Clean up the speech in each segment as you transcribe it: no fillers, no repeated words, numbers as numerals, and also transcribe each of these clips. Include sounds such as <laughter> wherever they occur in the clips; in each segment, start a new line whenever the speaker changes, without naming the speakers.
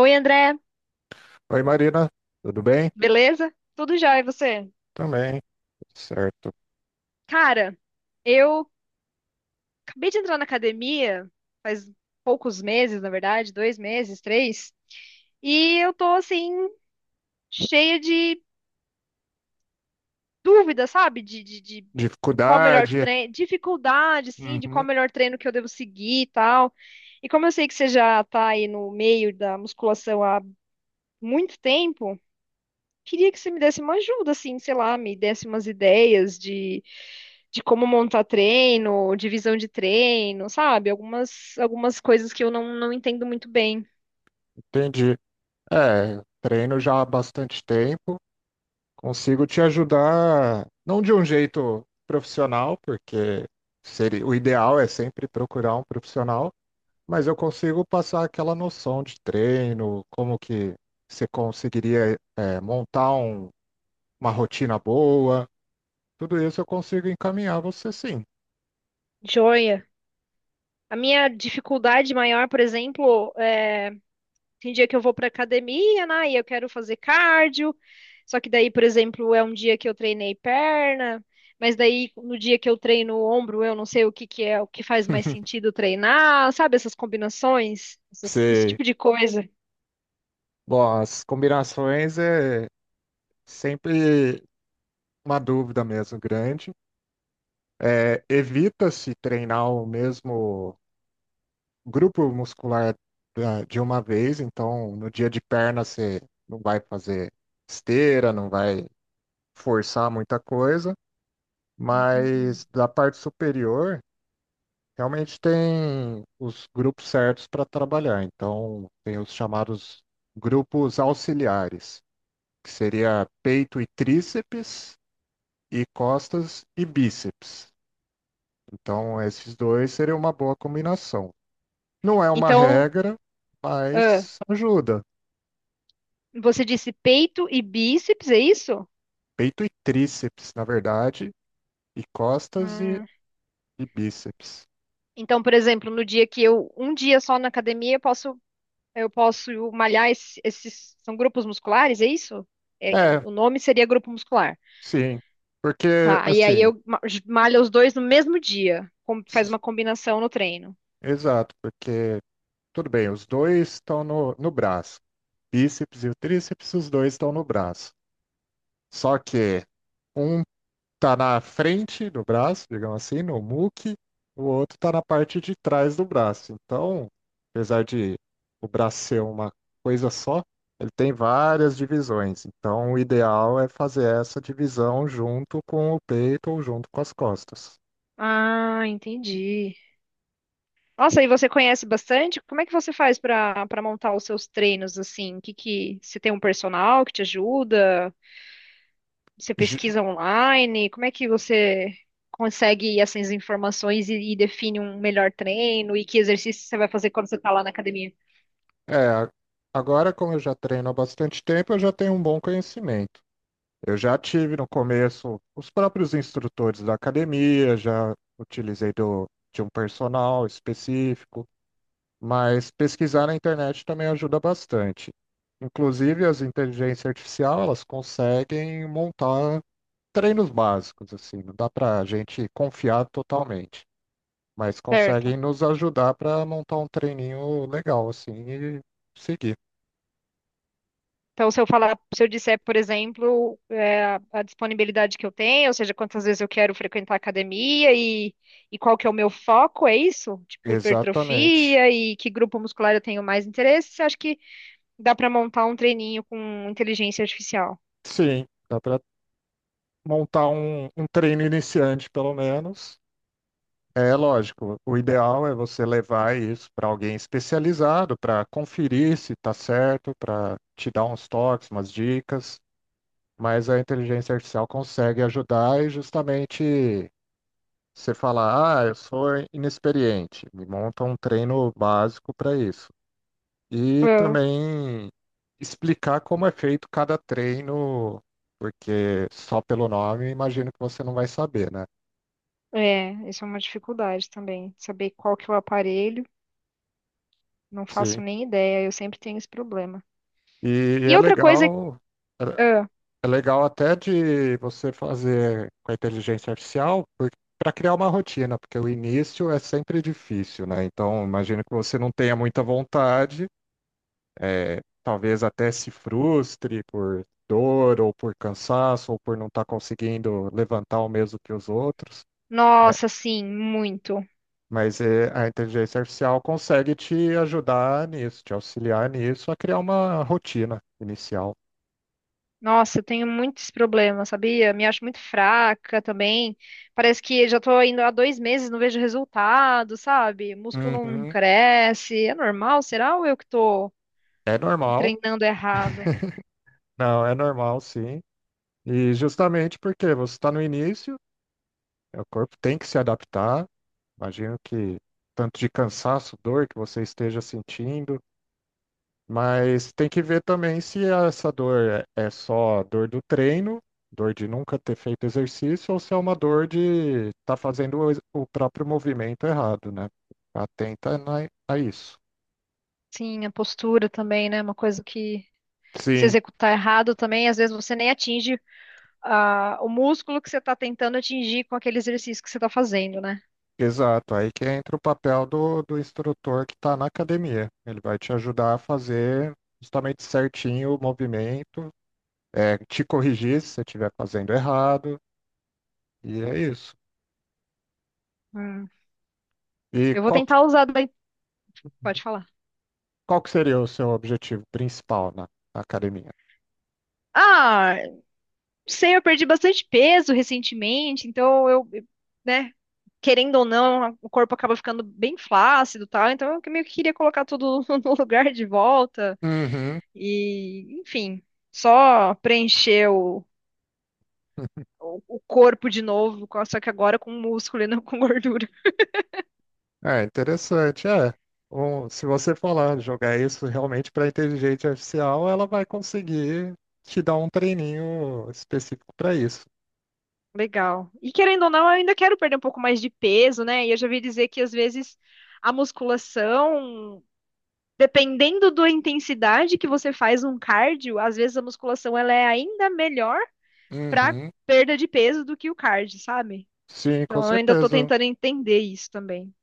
Oi, André,
Oi, Marina, tudo bem?
beleza? Tudo jóia, e você?
Também, certo.
Cara, eu acabei de entrar na academia faz poucos meses, na verdade, 2 meses, 3, e eu tô assim, cheia de dúvidas, sabe? De qual o melhor
Dificuldade,
treino, dificuldade, assim, de qual
uhum,
o melhor treino que eu devo seguir e tal. E como eu sei que você já tá aí no meio da musculação há muito tempo, queria que você me desse uma ajuda, assim, sei lá, me desse umas ideias de como montar treino, divisão de treino, sabe? Algumas coisas que eu não entendo muito bem.
entendi. Treino já há bastante tempo, consigo te ajudar, não de um jeito profissional, porque seria, o ideal é sempre procurar um profissional, mas eu consigo passar aquela noção de treino, como que você conseguiria, montar uma rotina boa, tudo isso eu consigo encaminhar você sim.
Joia. A minha dificuldade maior, por exemplo, é tem dia que eu vou pra academia, né? E eu quero fazer cardio. Só que daí, por exemplo, é um dia que eu treinei perna, mas daí no dia que eu treino o ombro, eu não sei o que que é, o que faz mais sentido treinar, sabe? Essas combinações, esse
Você
tipo de coisa.
Bom, as combinações é sempre uma dúvida mesmo grande. Evita-se treinar o mesmo grupo muscular de uma vez, então no dia de perna você não vai fazer esteira, não vai forçar muita coisa,
Uhum.
mas da parte superior realmente tem os grupos certos para trabalhar, então tem os chamados grupos auxiliares, que seria peito e tríceps, e costas e bíceps. Então, esses dois seriam uma boa combinação. Não é uma
Então,
regra,
ah,
mas ajuda.
você disse peito e bíceps, é isso?
Peito e tríceps, na verdade, e costas
Ah,
e bíceps.
então, por exemplo, no dia que eu, um dia só na academia, eu posso eu posso malhar esses. São grupos musculares, é isso?
É,
O nome seria grupo muscular.
sim. Porque,
Tá, e aí
assim,
eu malho os dois no mesmo dia. Faz
s-
uma combinação no treino.
Exato, porque, tudo bem, os dois estão no braço. Bíceps e o tríceps, os dois estão no braço. Só que um tá na frente do braço, digamos assim, no muque, o outro tá na parte de trás do braço. Então, apesar de o braço ser uma coisa só, ele tem várias divisões. Então, o ideal é fazer essa divisão junto com o peito ou junto com as costas.
Ah, entendi. Nossa, e você conhece bastante? Como é que você faz para montar os seus treinos assim? Que você tem um personal que te ajuda? Você
Ju-
pesquisa online? Como é que você consegue essas informações e define um melhor treino e que exercício você vai fazer quando você está lá na academia?
É, agora, como eu já treino há bastante tempo, eu já tenho um bom conhecimento. Eu já tive no começo os próprios instrutores da academia, já utilizei de um personal específico, mas pesquisar na internet também ajuda bastante. Inclusive, as inteligências artificiais, elas conseguem montar treinos básicos, assim, não dá para a gente confiar totalmente, mas conseguem
Certo.
nos ajudar para montar um treininho legal, assim, e seguir.
Então, se eu falar, se eu disser, por exemplo, é, a disponibilidade que eu tenho, ou seja, quantas vezes eu quero frequentar a academia e qual que é o meu foco, é isso? Tipo,
Exatamente.
hipertrofia e que grupo muscular eu tenho mais interesse, acho que dá para montar um treininho com inteligência artificial.
Sim, dá para montar um treino iniciante, pelo menos. É lógico, o ideal é você levar isso para alguém especializado para conferir se está certo, para te dar uns toques, umas dicas, mas a inteligência artificial consegue ajudar e justamente você falar, ah, eu sou inexperiente, me monta um treino básico para isso. E
Ah,
também explicar como é feito cada treino, porque só pelo nome imagino que você não vai saber, né?
é, isso é uma dificuldade também, saber qual que é o aparelho, não faço
Sim.
nem ideia, eu sempre tenho esse problema.
E
E
é
outra coisa,
legal. é
ah,
É legal até de você fazer com a inteligência artificial, para criar uma rotina, porque o início é sempre difícil, né? Então, imagino que você não tenha muita vontade, talvez até se frustre por dor, ou por cansaço, ou por não estar conseguindo levantar o mesmo que os outros, né?
nossa, sim, muito.
Mas a inteligência artificial consegue te ajudar nisso, te auxiliar nisso, a criar uma rotina inicial.
Nossa, eu tenho muitos problemas, sabia? Me acho muito fraca também. Parece que já tô indo há 2 meses, não vejo resultado, sabe? Músculo não
Uhum.
cresce. É normal? Será ou eu que tô
É normal.
treinando errado?
Não, é normal, sim. E justamente porque você está no início, o corpo tem que se adaptar. Imagino que tanto de cansaço, dor que você esteja sentindo, mas tem que ver também se essa dor é só dor do treino, dor de nunca ter feito exercício, ou se é uma dor de estar fazendo o o próprio movimento errado, né? Atenta a isso.
Sim, a postura também, né? Uma coisa que se
Sim,
executar errado também, às vezes você nem atinge o músculo que você tá tentando atingir com aquele exercício que você tá fazendo, né?
exato, aí que entra o papel do instrutor que está na academia. Ele vai te ajudar a fazer justamente certinho o movimento, te corrigir se você estiver fazendo errado, e é isso.
Hum.
E
Eu vou
qual, que-
tentar usar daí. Pode falar.
Qual que seria o seu objetivo principal na academia?
Ah. Não sei, eu perdi bastante peso recentemente, então eu, né, querendo ou não, o corpo acaba ficando bem flácido e tal, então eu meio que queria colocar tudo <laughs> no lugar de volta
Uhum.
e, enfim, só preencher o, o, corpo de novo, só que agora com músculo e não com <laughs> gordura.
É interessante, é. Um, se você falar, jogar isso realmente para a inteligência artificial, ela vai conseguir te dar um treininho específico para isso.
Legal. E querendo ou não, eu ainda quero perder um pouco mais de peso, né? E eu já vi dizer que às vezes a musculação. Dependendo da intensidade que você faz um cardio, às vezes a musculação ela é ainda melhor para
Uhum.
perda de peso do que o cardio, sabe?
Sim, com
Então eu ainda tô
certeza.
tentando entender isso também.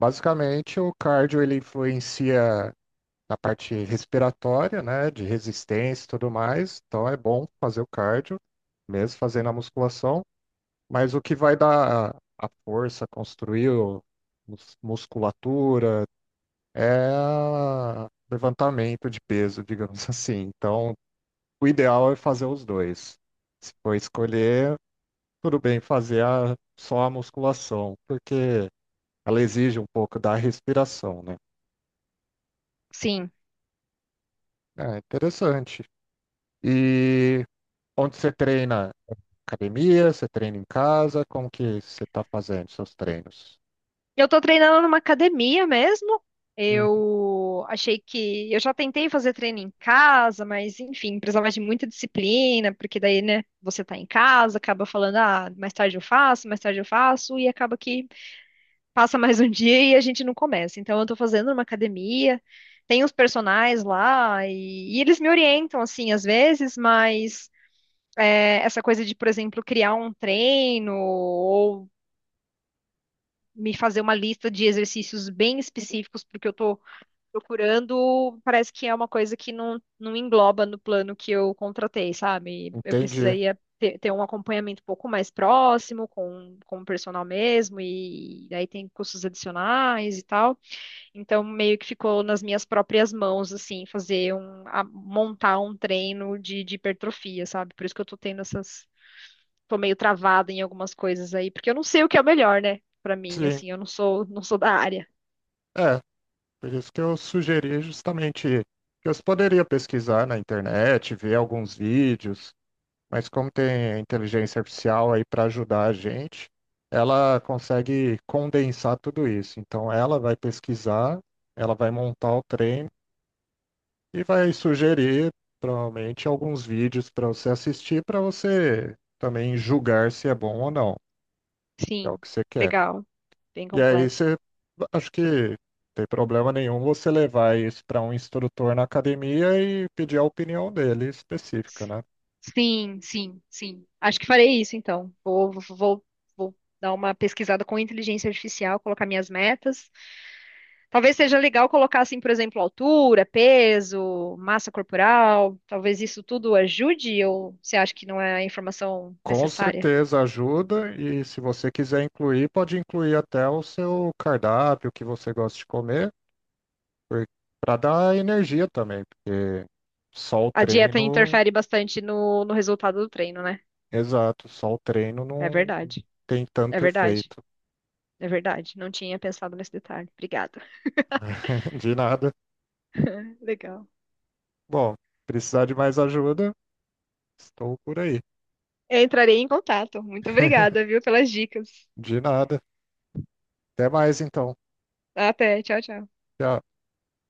Basicamente, o cardio ele influencia na parte respiratória, né, de resistência e tudo mais. Então é bom fazer o cardio, mesmo fazendo a musculação. Mas o que vai dar a força, construir musculatura, é levantamento de peso, digamos <laughs> assim. Então, o ideal é fazer os dois. Se for escolher, tudo bem fazer só a musculação, porque ela exige um pouco da respiração, né?
Sim.
Ah, interessante. E onde você treina? Academia? Você treina em casa? Como que você está fazendo seus treinos?
Eu tô treinando numa academia mesmo.
Hum,
Eu achei que eu já tentei fazer treino em casa, mas enfim, precisava de muita disciplina, porque daí, né, você tá em casa, acaba falando, ah, mais tarde eu faço, mais tarde eu faço, e acaba que passa mais um <laughs> dia e a gente não começa. Então, eu tô fazendo uma academia, tem os personagens lá e eles me orientam, assim, às vezes, mas é, essa coisa de, por exemplo, criar um treino ou me fazer uma lista de exercícios bem específicos porque eu tô procurando, parece que é uma coisa que não engloba no plano que eu contratei, sabe? Eu
entendi.
precisaria ter um acompanhamento um pouco mais próximo com o personal mesmo, e daí tem custos adicionais e tal. Então, meio que ficou nas minhas próprias mãos, assim, fazer um, montar um treino de hipertrofia, sabe? Por isso que eu tô tendo essas, tô meio travada em algumas coisas aí, porque eu não sei o que é o melhor, né? Pra mim,
Sim,
assim, eu não sou da área.
é. Por isso que eu sugeri justamente que você poderia pesquisar na internet, ver alguns vídeos, mas como tem a inteligência artificial aí para ajudar a gente, ela consegue condensar tudo isso. Então ela vai pesquisar, ela vai montar o treino. E vai sugerir, provavelmente, alguns vídeos para você assistir, para você também julgar se é bom ou não. É o
Sim,
que você quer.
legal, bem
E aí
completo.
você, acho que não tem problema nenhum você levar isso para um instrutor na academia e pedir a opinião dele específica, né?
Sim, sim, sim. Acho que farei isso, então. Vou dar uma pesquisada com inteligência artificial, colocar minhas metas. Talvez seja legal colocar assim, por exemplo, altura, peso, massa corporal. Talvez isso tudo ajude ou você acha que não é a informação
Com
necessária?
certeza ajuda, e se você quiser incluir, pode incluir até o seu cardápio, o que você gosta de comer, para dar energia também, porque só o
A dieta
treino...
interfere bastante no resultado do treino, né?
Exato, só o treino
É
não
verdade.
tem
É
tanto
verdade.
efeito.
É verdade. Não tinha pensado nesse detalhe. Obrigada.
<laughs> De nada.
<laughs> Legal.
Bom, precisar de mais ajuda, estou por aí.
Eu entrarei em contato. Muito obrigada, viu, pelas dicas.
De nada. Até mais então.
Até. Tchau, tchau.
Tchau.